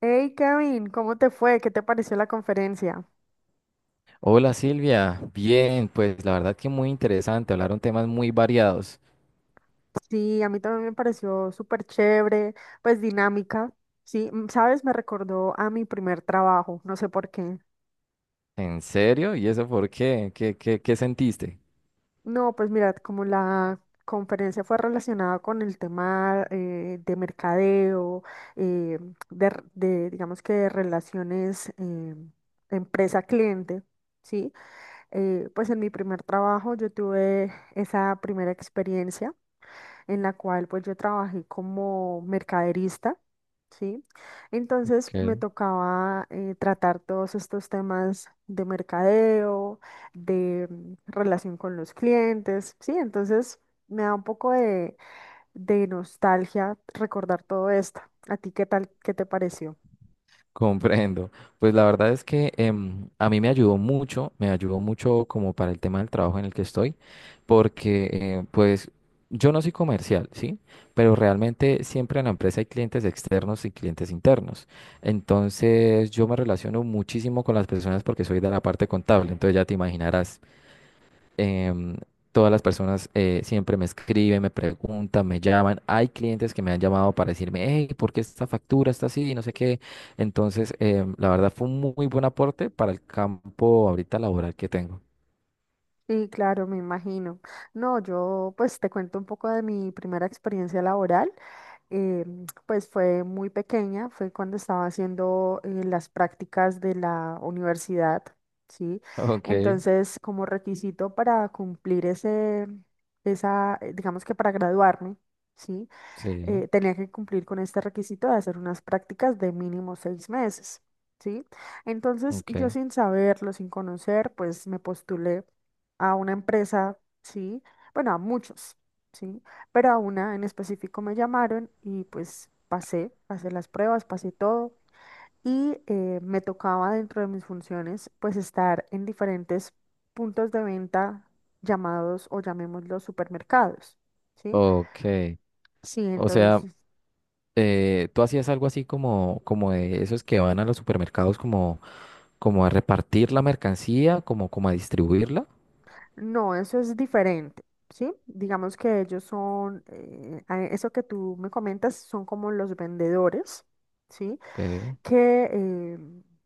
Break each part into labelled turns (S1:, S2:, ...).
S1: Hey Kevin, ¿cómo te fue? ¿Qué te pareció la conferencia?
S2: Hola Silvia, bien, pues la verdad que muy interesante, hablaron temas muy variados.
S1: Sí, a mí también me pareció súper chévere, pues dinámica. Sí, sabes, me recordó a mi primer trabajo, no sé por qué.
S2: ¿En serio? ¿Y eso por qué? ¿Qué sentiste?
S1: No, pues mira, como la conferencia fue relacionada con el tema de mercadeo, eh, de, digamos que de relaciones empresa-cliente, ¿sí? Pues en mi primer trabajo yo tuve esa primera experiencia, en la cual pues yo trabajé como mercaderista, ¿sí? Entonces me
S2: Ok.
S1: tocaba tratar todos estos temas de mercadeo, de relación con los clientes, ¿sí? Entonces me da un poco de nostalgia recordar todo esto. ¿A ti qué tal, qué te pareció?
S2: Comprendo. Pues la verdad es que a mí me ayudó mucho como para el tema del trabajo en el que estoy, porque pues yo no soy comercial, ¿sí? Pero realmente siempre en la empresa hay clientes externos y clientes internos. Entonces yo me relaciono muchísimo con las personas porque soy de la parte contable, entonces ya te imaginarás. em, Todas las personas siempre me escriben, me preguntan, me llaman. Hay clientes que me han llamado para decirme, hey, ¿por qué esta factura está así? Y no sé qué. Entonces, la verdad fue un muy buen aporte para el campo ahorita laboral que tengo.
S1: Sí, claro, me imagino. No, yo pues te cuento un poco de mi primera experiencia laboral. eh, pues fue muy pequeña, fue cuando estaba haciendo las prácticas de la universidad, ¿sí?
S2: Ok,
S1: Entonces, como requisito para cumplir ese, esa, digamos que para graduarme, ¿sí?
S2: sí,
S1: Tenía que cumplir con este requisito de hacer unas prácticas de mínimo 6 meses, ¿sí? Entonces, yo
S2: ok,
S1: sin saberlo, sin conocer, pues me postulé a una empresa, ¿sí? Bueno, a muchos, ¿sí? Pero a una en específico me llamaron y pues pasé, pasé las pruebas, pasé todo y me tocaba dentro de mis funciones pues estar en diferentes puntos de venta llamados o llamémoslos supermercados, ¿sí?
S2: ok.
S1: Sí,
S2: O sea,
S1: entonces.
S2: tú hacías algo así como, como de esos que van a los supermercados como, como a repartir la mercancía, como, como a distribuirla.
S1: No, eso es diferente, ¿sí? Digamos que ellos son, eso que tú me comentas, son como los vendedores, ¿sí?
S2: Ok,
S1: Que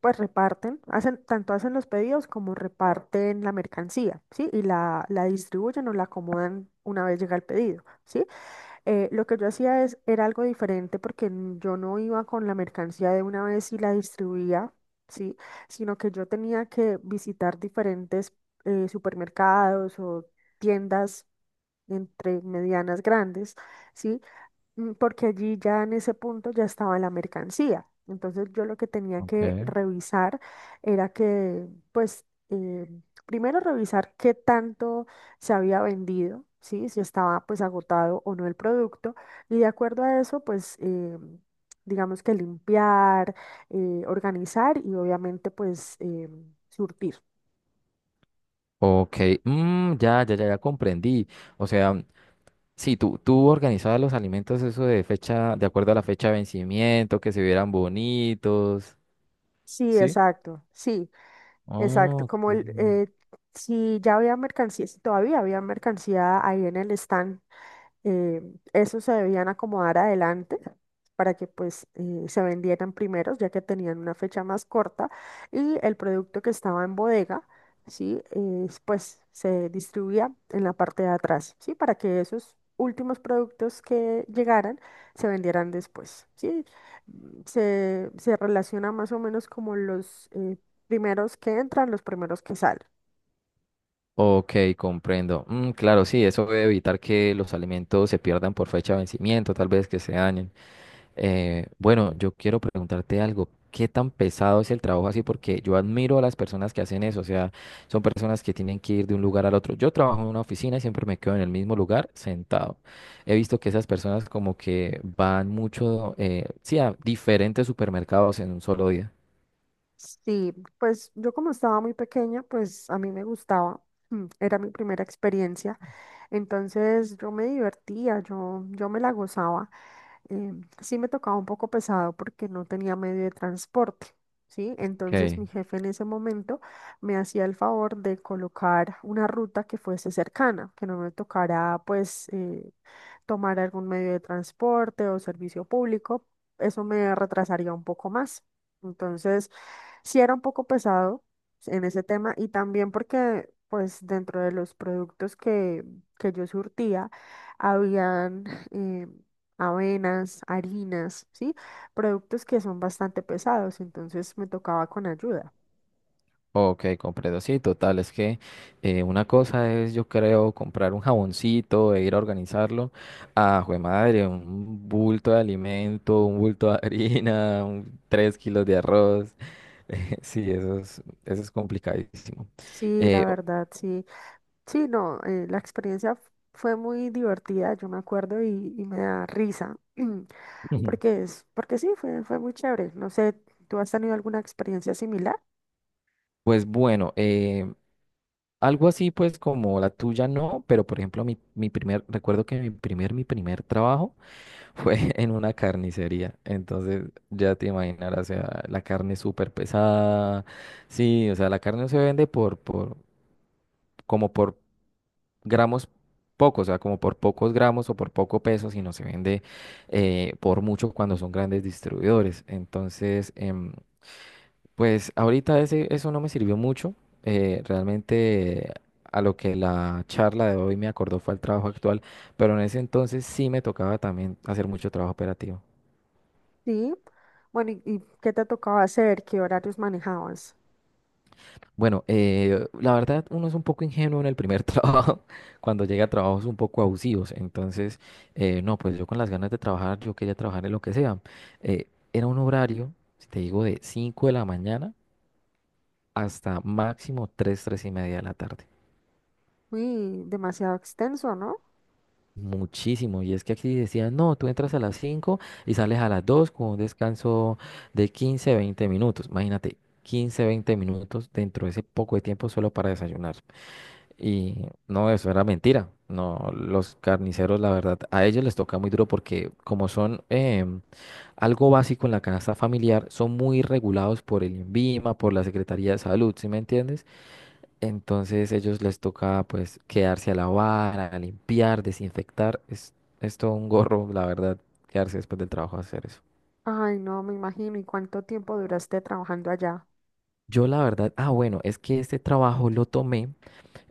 S1: pues reparten, hacen, tanto hacen los pedidos como reparten la mercancía, ¿sí? Y la distribuyen o la acomodan una vez llega el pedido, ¿sí? Lo que yo hacía es, era algo diferente porque yo no iba con la mercancía de una vez y la distribuía, ¿sí? Sino que yo tenía que visitar diferentes supermercados o tiendas entre medianas grandes, ¿sí? Porque allí ya en ese punto ya estaba la mercancía. Entonces yo lo que tenía que
S2: ok.
S1: revisar era que, pues, primero revisar qué tanto se había vendido, ¿sí? Si estaba pues agotado o no el producto. Y de acuerdo a eso, pues, digamos que limpiar, organizar y obviamente pues surtir.
S2: Ok, mm, ya, ya, ya, ya comprendí. O sea, sí, tú organizabas los alimentos, eso de fecha, de acuerdo a la fecha de vencimiento, que se vieran bonitos,
S1: Sí,
S2: ¿sí?
S1: exacto, sí.
S2: Oh,
S1: Exacto, como
S2: ok.
S1: el, si ya había mercancía, si todavía había mercancía ahí en el stand, eh, esos se debían acomodar adelante para que pues se vendieran primeros, ya que tenían una fecha más corta y el producto que estaba en bodega, ¿sí? Pues se distribuía en la parte de atrás, ¿sí? Para que esos últimos productos que llegaran se vendieran después, ¿sí? Se, se relaciona más o menos como los primeros que entran, los primeros que salen.
S2: Ok, comprendo. Mm, claro, sí, eso debe evitar que los alimentos se pierdan por fecha de vencimiento, tal vez que se dañen. Bueno, yo quiero preguntarte algo. ¿Qué tan pesado es el trabajo así? Porque yo admiro a las personas que hacen eso. O sea, son personas que tienen que ir de un lugar al otro. Yo trabajo en una oficina y siempre me quedo en el mismo lugar sentado. He visto que esas personas como que van mucho, sí, a diferentes supermercados en un solo día.
S1: Sí, pues yo como estaba muy pequeña, pues a mí me gustaba, era mi primera experiencia, entonces yo me divertía, yo me la gozaba. eh, sí me tocaba un poco pesado porque no tenía medio de transporte, ¿sí? Entonces
S2: Ok.
S1: mi jefe en ese momento me hacía el favor de colocar una ruta que fuese cercana, que no me tocara pues tomar algún medio de transporte o servicio público, eso me retrasaría un poco más. Entonces, sí era un poco pesado en ese tema y también porque, pues, dentro de los productos que yo surtía, habían eh, avenas, harinas, ¿sí? Productos que son bastante pesados, entonces me tocaba con ayuda.
S2: Ok, comprendo. Sí, total. Es que una cosa es, yo creo, comprar un jaboncito e ir a organizarlo. Ah, jue madre, un bulto de alimento, un bulto de harina, tres kilos de arroz. Sí, eso es complicadísimo.
S1: Sí, la
S2: Eh,
S1: verdad, sí. Sí, no, la experiencia fue muy divertida, yo me acuerdo, y me da risa, porque es, porque sí, fue muy chévere. No sé, ¿tú has tenido alguna experiencia similar?
S2: Pues bueno, algo así pues como la tuya no, pero por ejemplo recuerdo que mi primer trabajo fue en una carnicería, entonces ya te imaginarás, o sea, la carne súper pesada, sí, o sea, la carne no se vende por, como por gramos pocos, o sea, como por pocos gramos o por poco peso, sino se vende por mucho cuando son grandes distribuidores, entonces pues ahorita eso no me sirvió mucho. Realmente a lo que la charla de hoy me acordó fue al trabajo actual, pero en ese entonces sí me tocaba también hacer mucho trabajo operativo.
S1: Sí. Bueno, ¿y qué te tocaba hacer? ¿Qué horarios manejabas?
S2: Bueno, la verdad uno es un poco ingenuo en el primer trabajo, cuando llega a trabajos un poco abusivos. Entonces, no, pues yo con las ganas de trabajar, yo quería trabajar en lo que sea. Eh, Era un horario, si te digo, de 5 de la mañana hasta máximo tres y media de la tarde.
S1: Uy, demasiado extenso, ¿no?
S2: Muchísimo, y es que aquí decían, no, tú entras a las 5 y sales a las 2 con un descanso de 15 20 minutos. Imagínate, 15 20 minutos dentro de ese poco de tiempo solo para desayunar. Y no, eso era mentira. No, los carniceros, la verdad, a ellos les toca muy duro porque como son algo básico en la canasta familiar, son muy regulados por el INVIMA, por la Secretaría de Salud, ¿sí me entiendes? Entonces ellos les toca pues quedarse a lavar, a limpiar, desinfectar. Es todo un gorro, la verdad, quedarse después del trabajo a hacer eso.
S1: Ay, no, me imagino. ¿Y cuánto tiempo duraste trabajando allá?
S2: Yo la verdad, ah bueno, es que este trabajo lo tomé,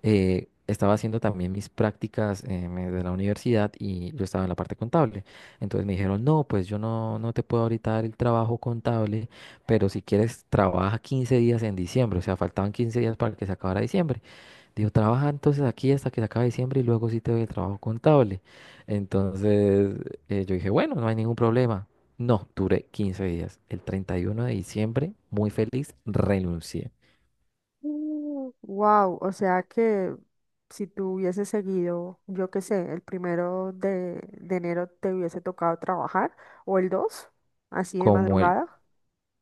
S2: estaba haciendo también mis prácticas de la universidad y yo estaba en la parte contable. Entonces me dijeron, no, pues yo no, no te puedo ahorita dar el trabajo contable, pero si quieres trabaja 15 días en diciembre, o sea, faltaban 15 días para que se acabara diciembre. Digo, trabaja entonces aquí hasta que se acabe diciembre y luego sí te doy el trabajo contable. Entonces, yo dije, bueno, no hay ningún problema. No, duré 15 días. El 31 de diciembre, muy feliz, renuncié.
S1: Wow, o sea que si tú hubieses seguido, yo qué sé, el primero de enero te hubiese tocado trabajar o el 2, así de
S2: Como el,
S1: madrugada.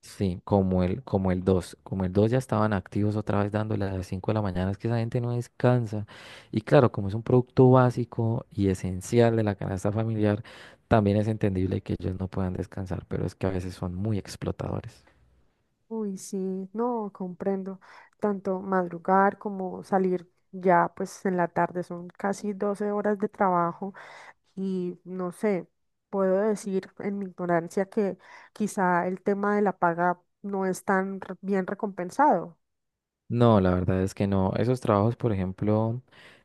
S2: sí, como el dos. Como el 2 ya estaban activos otra vez dándole a las 5 de la mañana, es que esa gente no descansa. Y claro, como es un producto básico y esencial de la canasta familiar, también es entendible que ellos no puedan descansar, pero es que a veces son muy explotadores.
S1: Uy, sí, no, comprendo. Tanto madrugar como salir ya pues en la tarde son casi 12 horas de trabajo y no sé, puedo decir en mi ignorancia que quizá el tema de la paga no es tan bien recompensado.
S2: No, la verdad es que no. Esos trabajos, por ejemplo,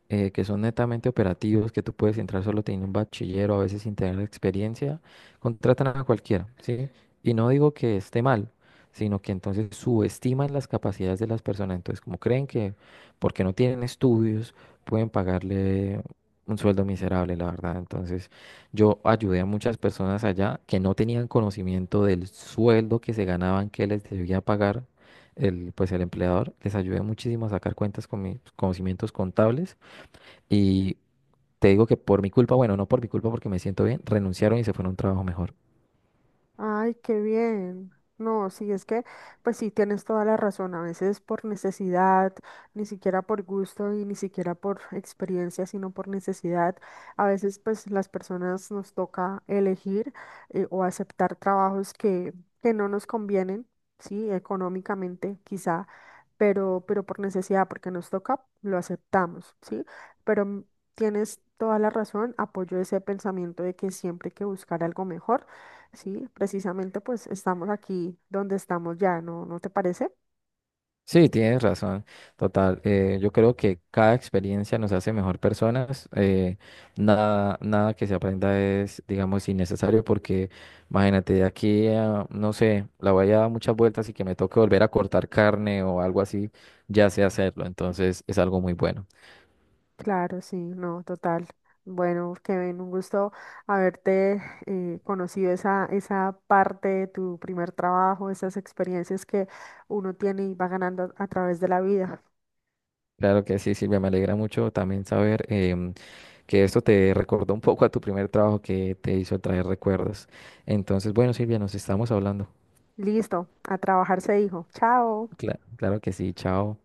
S2: que son netamente operativos, que tú puedes entrar solo teniendo un bachiller o a veces sin tener experiencia, contratan a cualquiera, ¿sí? Y no digo que esté mal, sino que entonces subestiman las capacidades de las personas. Entonces, como creen que porque no tienen estudios, pueden pagarle un sueldo miserable, la verdad. Entonces, yo ayudé a muchas personas allá que no tenían conocimiento del sueldo que se ganaban, que les debía pagar el, pues el empleador, les ayudé muchísimo a sacar cuentas con mis conocimientos contables y te digo que por mi culpa, bueno, no por mi culpa porque me siento bien, renunciaron y se fueron a un trabajo mejor.
S1: Ay, qué bien. No, sí, es que, pues sí, tienes toda la razón. A veces por necesidad, ni siquiera por gusto y ni siquiera por experiencia, sino por necesidad. A veces, pues las personas nos toca elegir o aceptar trabajos que no nos convienen, sí, económicamente quizá, pero por necesidad, porque nos toca, lo aceptamos, sí. Pero tienes toda la razón. Apoyo ese pensamiento de que siempre hay que buscar algo mejor. Sí, precisamente pues estamos aquí donde estamos ya, ¿no? ¿No te parece?
S2: Sí, tienes razón, total. Yo creo que cada experiencia nos hace mejor personas. Nada que se aprenda es, digamos, innecesario porque imagínate, de aquí a, no sé, la voy a dar muchas vueltas y que me toque volver a cortar carne o algo así, ya sé hacerlo. Entonces es algo muy bueno.
S1: Claro, sí, no, total. Bueno, Kevin, un gusto haberte conocido esa, esa parte de tu primer trabajo, esas experiencias que uno tiene y va ganando a través de la vida.
S2: Claro que sí, Silvia, me alegra mucho también saber em, que esto te recordó un poco a tu primer trabajo que te hizo traer recuerdos. Entonces, bueno, Silvia, nos estamos hablando.
S1: Listo, a trabajar se dijo. Chao.
S2: Claro que sí, chao.